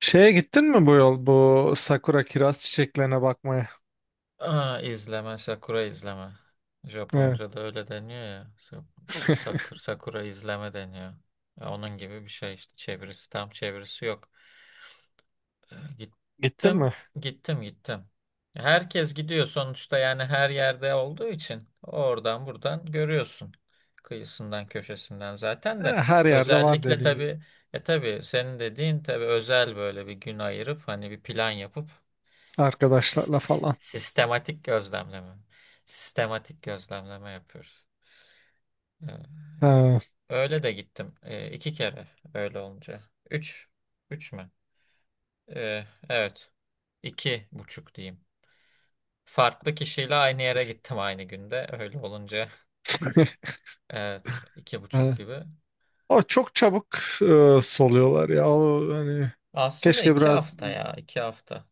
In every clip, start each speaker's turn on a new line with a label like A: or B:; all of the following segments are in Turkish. A: Şeye gittin mi bu yol bu sakura kiraz çiçeklerine bakmaya?
B: Aa, izleme, sakura izleme.
A: Evet.
B: Japonca'da öyle deniyor ya. Sakura, sakura izleme deniyor. Ya onun gibi bir şey işte. Tam çevirisi yok.
A: Gittin mi?
B: Gittim, gittim, gittim. Herkes gidiyor sonuçta yani her yerde olduğu için oradan buradan görüyorsun. Kıyısından, köşesinden zaten de
A: Her yerde var
B: özellikle
A: dediğin gibi
B: tabii tabii senin dediğin tabii özel böyle bir gün ayırıp hani bir plan yapıp Sis-
A: arkadaşlarla falan.
B: sistematik gözlemleme. Sistematik gözlemleme yapıyoruz. Ee,
A: Ha.
B: Öyle de gittim. İki kere öyle olunca. Üç. Üç mü? Evet. İki buçuk diyeyim. Farklı kişiyle aynı yere gittim aynı günde. Öyle olunca evet iki buçuk
A: Ha.
B: gibi.
A: O çok çabuk soluyorlar ya. O hani
B: Aslında
A: keşke
B: iki
A: biraz
B: hafta ya iki hafta.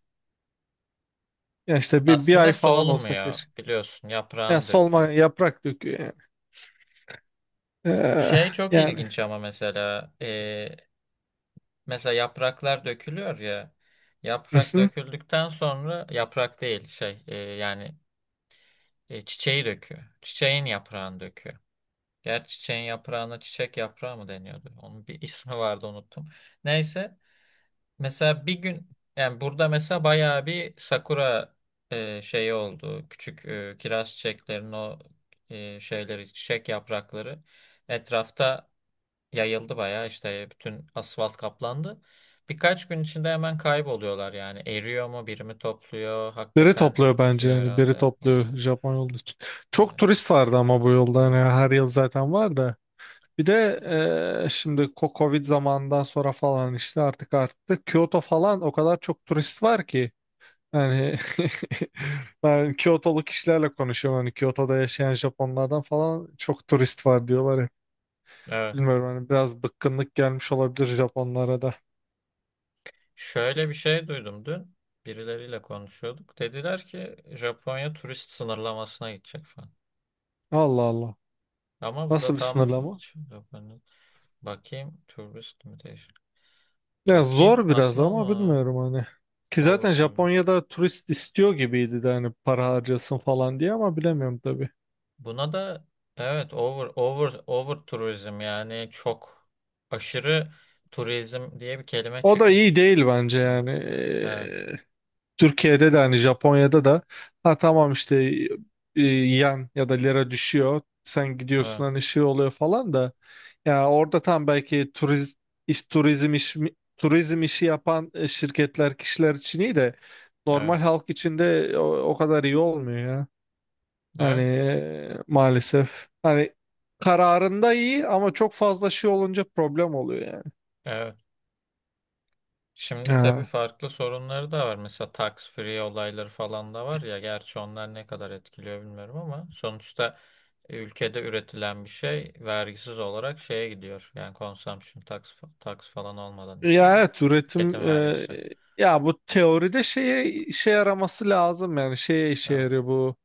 A: ya işte bir
B: Aslında
A: ay falan olsa
B: solmuyor
A: keşke.
B: biliyorsun
A: Ya
B: yaprağını
A: solma
B: döküyor.
A: yaprak döküyor yani. E,
B: Şey çok
A: Yani.
B: ilginç ama mesela yapraklar dökülüyor ya.
A: Hı
B: Yaprak
A: hı.
B: döküldükten sonra yaprak değil yani çiçeği döküyor. Çiçeğin yaprağını döküyor. Gerçi çiçeğin yaprağına çiçek yaprağı mı deniyordu? Onun bir ismi vardı unuttum. Neyse mesela bir gün yani burada mesela bayağı bir sakura şeyi oldu. Küçük kiraz çiçeklerinin o şeyleri çiçek yaprakları etrafta yayıldı bayağı işte bütün asfalt kaplandı. Birkaç gün içinde hemen kayboluyorlar yani. Eriyor mu, biri mi topluyor?
A: Biri
B: Hakikaten
A: topluyor bence
B: bitiyor
A: yani biri
B: herhalde.
A: topluyor
B: Olabilir.
A: Japon yolu için. Çok
B: Evet,
A: turist vardı ama bu yolda hani
B: evet.
A: her yıl zaten var da. Bir de şimdi Covid zamanından sonra falan işte artık arttı. Kyoto falan o kadar çok turist var ki. Yani ben Kyotolu kişilerle konuşuyorum. Hani Kyoto'da yaşayan Japonlardan falan çok turist var diyorlar hep.
B: Evet.
A: Bilmiyorum hani biraz bıkkınlık gelmiş olabilir Japonlara da.
B: Şöyle bir şey duydum dün. Birileriyle konuşuyorduk. Dediler ki Japonya turist sınırlamasına gidecek falan.
A: Allah Allah.
B: Ama bu da
A: Nasıl bir
B: tam
A: sınırlama?
B: Japonya. Bakayım turist mi?
A: Ya
B: Bakayım
A: zor biraz
B: aslında o
A: ama
B: mu?
A: bilmiyorum hani. Ki
B: Over
A: zaten
B: tourism.
A: Japonya'da turist istiyor gibiydi de hani para harcasın falan diye ama bilemiyorum tabii.
B: Buna da evet over turizm yani çok aşırı turizm diye bir kelime
A: O da iyi
B: çıkmış.
A: değil bence
B: Evet.
A: yani.
B: Evet.
A: Türkiye'de de hani Japonya'da da ha tamam işte yen ya da lira düşüyor. Sen gidiyorsun
B: Evet.
A: hani şey oluyor falan da. Ya orada tam belki iş, turizm iş, turizm işi yapan şirketler kişiler için iyi de
B: Evet.
A: normal halk için de o kadar iyi olmuyor ya. Hani
B: Evet.
A: maalesef. Hani kararında iyi ama çok fazla şey olunca problem oluyor yani.
B: Evet. Şimdi tabii
A: Ha.
B: farklı sorunları da var. Mesela tax free olayları falan da var ya. Gerçi onlar ne kadar etkiliyor bilmiyorum ama sonuçta ülkede üretilen bir şey vergisiz olarak şeye gidiyor. Yani consumption tax falan olmadan
A: Ya
B: içinde.
A: evet üretim
B: Tüketim vergisi.
A: ya bu teoride şeye işe yaraması lazım yani şeye işe
B: Evet.
A: yarıyor bu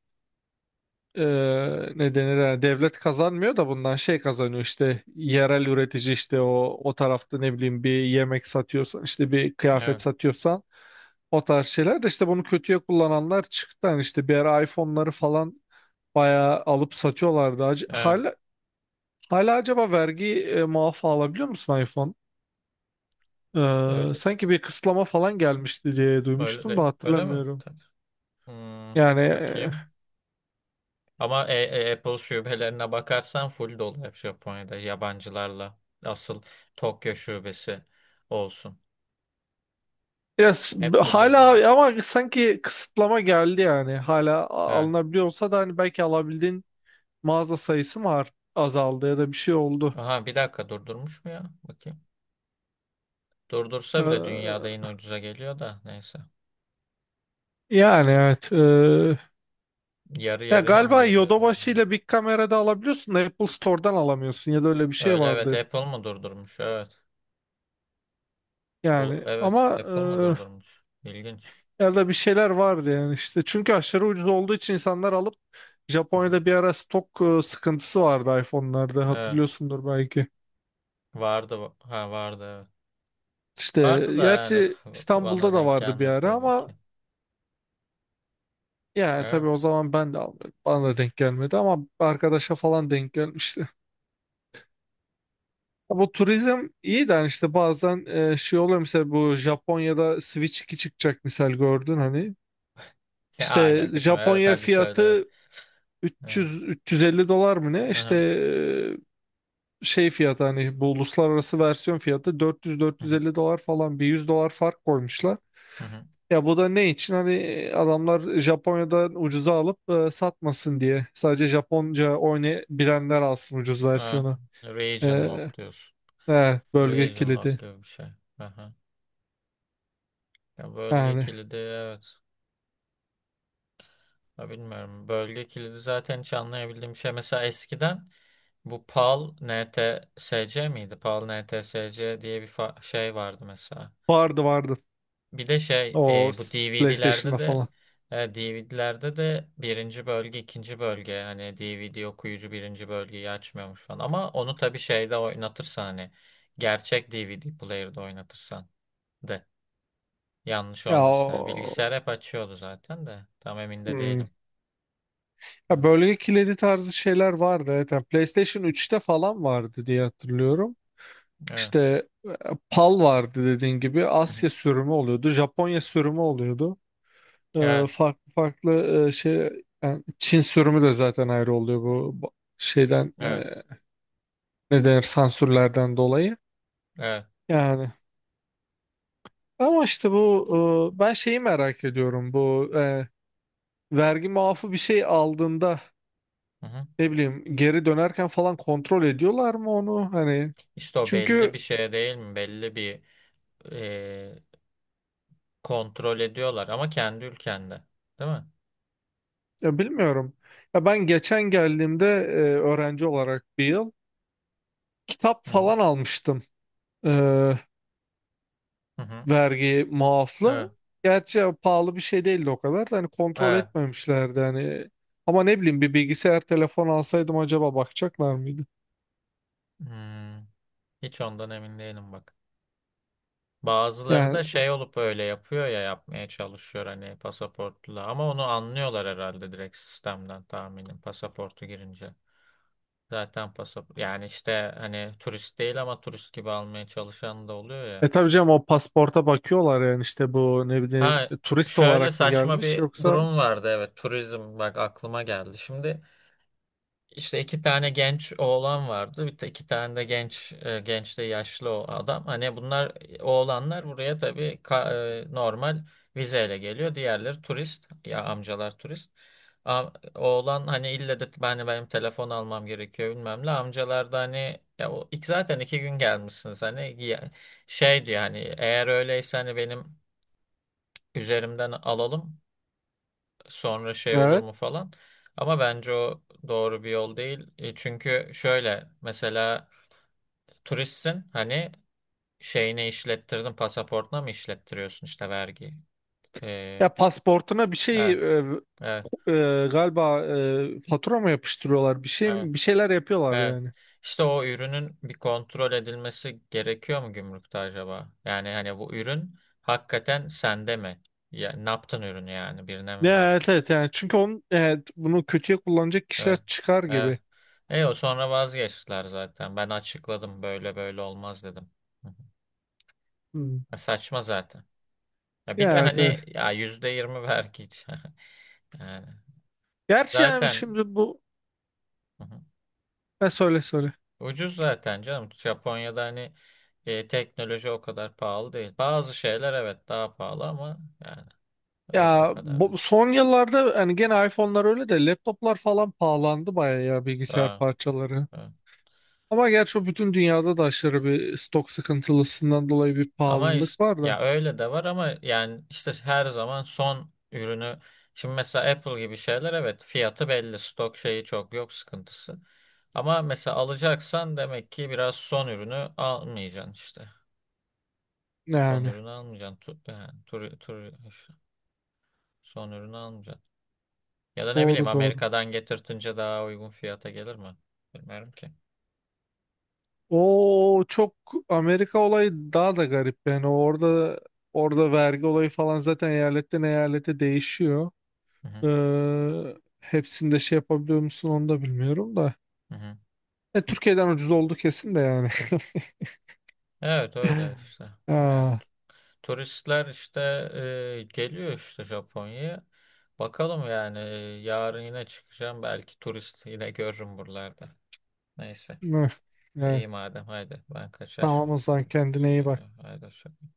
A: e,
B: Evet.
A: ne denir yani devlet kazanmıyor da bundan şey kazanıyor işte yerel üretici işte o tarafta ne bileyim bir yemek satıyorsan işte bir kıyafet
B: Evet.
A: satıyorsan o tarz şeyler de işte bunu kötüye kullananlar çıktı yani işte bir ara iPhone'ları falan bayağı alıp satıyorlardı Ac-
B: Evet.
A: hala hala acaba vergi muafı alabiliyor musun iPhone? Ee,
B: Öyle.
A: sanki bir kısıtlama falan gelmişti diye
B: Öyle
A: duymuştum
B: değil.
A: da
B: Öyle mi?
A: hatırlamıyorum.
B: Tak. Hmm,
A: Yani
B: bakayım. Ama Apple şubelerine bakarsan full dolu hep Japonya'da yabancılarla. Asıl Tokyo şubesi olsun.
A: ya,
B: Hep full dolu.
A: hala ama sanki kısıtlama geldi yani. Hala
B: Evet.
A: alınabiliyorsa da hani belki alabildiğin mağaza sayısı mı azaldı ya da bir şey oldu.
B: Aha bir dakika durdurmuş mu ya? Bakayım. Durdursa bile dünyada yine
A: Ee,
B: ucuza geliyor da neyse.
A: yani evet. ee,
B: Yarı
A: ya
B: yarıya mı
A: galiba
B: geliyordur?
A: Yodobashi ile Big Kamera'da alabiliyorsun da Apple Store'dan alamıyorsun ya da öyle bir şey
B: Öyle evet
A: vardı.
B: Apple mı durdurmuş? Evet.
A: Yani
B: Evet
A: ama
B: Apple mı durdurmuş? İlginç.
A: ya da bir şeyler vardı yani işte. Çünkü aşırı ucuz olduğu için insanlar alıp Japonya'da bir ara stok sıkıntısı vardı iPhone'larda
B: Evet.
A: hatırlıyorsundur belki.
B: Vardı. Ha vardı evet.
A: İşte
B: Vardı da yani
A: gerçi
B: bana
A: İstanbul'da da
B: denk
A: vardı bir
B: gelmedi
A: ara
B: tabii
A: ama
B: ki.
A: yani tabii
B: Evet.
A: o zaman ben de almıyordum. Bana da denk gelmedi ama arkadaşa falan denk gelmişti. Ya bu turizm iyi de hani işte bazen şey oluyor mesela bu Japonya'da Switch 2 çıkacak misal gördün hani.
B: Ne
A: İşte
B: alakası var? Evet
A: Japonya
B: hadi söyle. Evet.
A: fiyatı
B: Evet.
A: 300-350 dolar mı ne?
B: Hı
A: İşte
B: hı.
A: şey fiyatı hani bu uluslararası versiyon fiyatı
B: Hı hı.
A: 400-450 dolar falan bir 100 dolar fark koymuşlar.
B: Hı hı.
A: Ya bu da ne için? Hani adamlar Japonya'dan ucuza alıp satmasın diye. Sadece Japonca oynayabilenler alsın ucuz
B: Ha,
A: versiyonu. E,
B: region lock diyorsun.
A: bölge
B: Region lock
A: kilidi.
B: gibi bir şey. Hı hı. Ya bölge
A: Yani
B: kilidi evet. Ya bilmiyorum. Bölge kilidi zaten hiç anlayabildiğim şey. Mesela eskiden bu PAL NTSC miydi? PAL NTSC diye bir şey vardı mesela.
A: vardı vardı.
B: Bir de
A: O
B: bu DVD'lerde
A: PlayStation'da
B: de
A: falan.
B: DVD'lerde de birinci bölge ikinci bölge hani DVD okuyucu birinci bölgeyi açmıyormuş falan ama onu tabii şeyde oynatırsan hani gerçek DVD player'da oynatırsan de yanlış
A: Ya,
B: olmasın yani
A: o,
B: bilgisayar hep açıyordu zaten de tam emin de
A: hmm.
B: değilim.
A: Ya
B: Hı.
A: bölge kilidi tarzı şeyler vardı. Evet, yani PlayStation 3'te falan vardı diye hatırlıyorum.
B: Evet.
A: İşte PAL vardı dediğin gibi
B: Hı hı.
A: Asya sürümü oluyordu, Japonya sürümü oluyordu. E,
B: Evet.
A: farklı farklı şey yani Çin sürümü de zaten ayrı oluyor bu şeyden
B: Evet.
A: ne denir sansürlerden dolayı.
B: Evet.
A: Yani ama işte bu ben şeyi merak ediyorum bu vergi muafı bir şey aldığında
B: Hı hı.
A: ne bileyim geri dönerken falan kontrol ediyorlar mı onu hani
B: İşte o belli bir
A: çünkü
B: şey değil mi? Belli bir e, kontrol ediyorlar ama kendi ülkende değil mi?
A: ya bilmiyorum. Ya ben geçen geldiğimde öğrenci olarak bir yıl kitap
B: Hı hı.
A: falan almıştım eee,
B: Hı hı.
A: vergi muaflı.
B: Evet.
A: Gerçi pahalı bir şey değildi o kadar da hani kontrol
B: Evet.
A: etmemişlerdi hani. Ama ne bileyim bir bilgisayar telefon alsaydım acaba bakacaklar mıydı?
B: Hmm. Hiç ondan emin değilim bak. Bazıları
A: Yani
B: da şey olup öyle yapıyor ya yapmaya çalışıyor hani pasaportla ama onu anlıyorlar herhalde direkt sistemden tahminim pasaportu girince. Zaten pasaport yani işte hani turist değil ama turist gibi almaya çalışan da oluyor ya.
A: tabii canım o pasporta bakıyorlar yani işte bu ne bileyim
B: Ha
A: turist
B: şöyle
A: olarak mı
B: saçma
A: gelmiş
B: bir
A: yoksa
B: durum vardı evet turizm bak aklıma geldi. Şimdi İşte iki tane genç oğlan vardı. Bir de iki tane de genç de yaşlı o adam. Hani bunlar oğlanlar buraya tabii normal vizeyle geliyor. Diğerleri turist. Ya amcalar turist. A- Oğlan hani ille de ben benim telefon almam gerekiyor bilmem ne. Amcalar da hani ya o, iki, zaten iki gün gelmişsiniz hani şey diyor hani eğer öyleyse hani benim üzerimden alalım sonra şey olur
A: evet
B: mu falan. Ama bence o doğru bir yol değil. E, çünkü şöyle mesela turistsin hani şeyini işlettirdin pasaportuna mı işlettiriyorsun işte vergi. E,
A: ya pasportuna bir şey
B: evet,
A: e,
B: evet,
A: e, galiba fatura mı yapıştırıyorlar? Bir
B: evet,
A: şey bir şeyler yapıyorlar
B: evet.
A: yani.
B: İşte o ürünün bir kontrol edilmesi gerekiyor mu gümrükte acaba? Yani hani bu ürün hakikaten sende mi? Ya, ne yaptın ürünü yani birine mi
A: Ya, evet
B: verdin?
A: evet yani çünkü onun evet, bunu kötüye kullanacak kişiler
B: Evet.
A: çıkar
B: Evet.
A: gibi.
B: E o sonra vazgeçtiler zaten. Ben açıkladım böyle böyle olmaz dedim. Hı hı.
A: Hmm.
B: Ya saçma zaten. Ya bir
A: Ya,
B: de
A: evet
B: hani
A: evet.
B: ya %20 vergi. Yani
A: Gerçi yani
B: zaten
A: şimdi bu
B: hı hı.
A: ne söyle söyle.
B: Ucuz zaten canım. Japonya'da hani teknoloji o kadar pahalı değil. Bazı şeyler evet daha pahalı ama yani öyle o
A: Ya
B: kadar değil.
A: bu, son yıllarda hani gene iPhone'lar öyle de laptoplar falan pahalandı bayağı ya bilgisayar
B: Ha,
A: parçaları.
B: evet.
A: Ama gerçi o bütün dünyada da aşırı bir stok sıkıntılısından dolayı bir
B: Ama
A: pahalılık
B: işte
A: var da.
B: ya öyle de var ama yani işte her zaman son ürünü şimdi mesela Apple gibi şeyler evet fiyatı belli stok şeyi çok yok sıkıntısı. Ama mesela alacaksan demek ki biraz son ürünü almayacaksın işte. Son
A: Yani
B: ürünü almayacaksın. Tu, yani, tur, tur, son ürünü almayacaksın. Ya da ne bileyim
A: doğru doğru.
B: Amerika'dan getirtince daha uygun fiyata gelir mi? Bilmiyorum ki.
A: O çok Amerika olayı daha da garip yani orada orada vergi olayı falan zaten eyaletten eyalete değişiyor.
B: Hı hı,
A: Hepsinde şey yapabiliyor musun onu da bilmiyorum da.
B: hı hı.
A: Türkiye'den ucuz oldu kesin de yani.
B: Evet öyle işte. Yani
A: Aa,
B: turistler işte geliyor işte Japonya'ya. Bakalım yani yarın yine çıkacağım. Belki turist yine görürüm buralarda. Neyse.
A: eh,
B: İyi
A: evet.
B: madem haydi ben kaçar.
A: Tamam o zaman
B: Görüşürüz.
A: kendine
B: Güle
A: iyi bak.
B: güle. Haydi hoşça kal.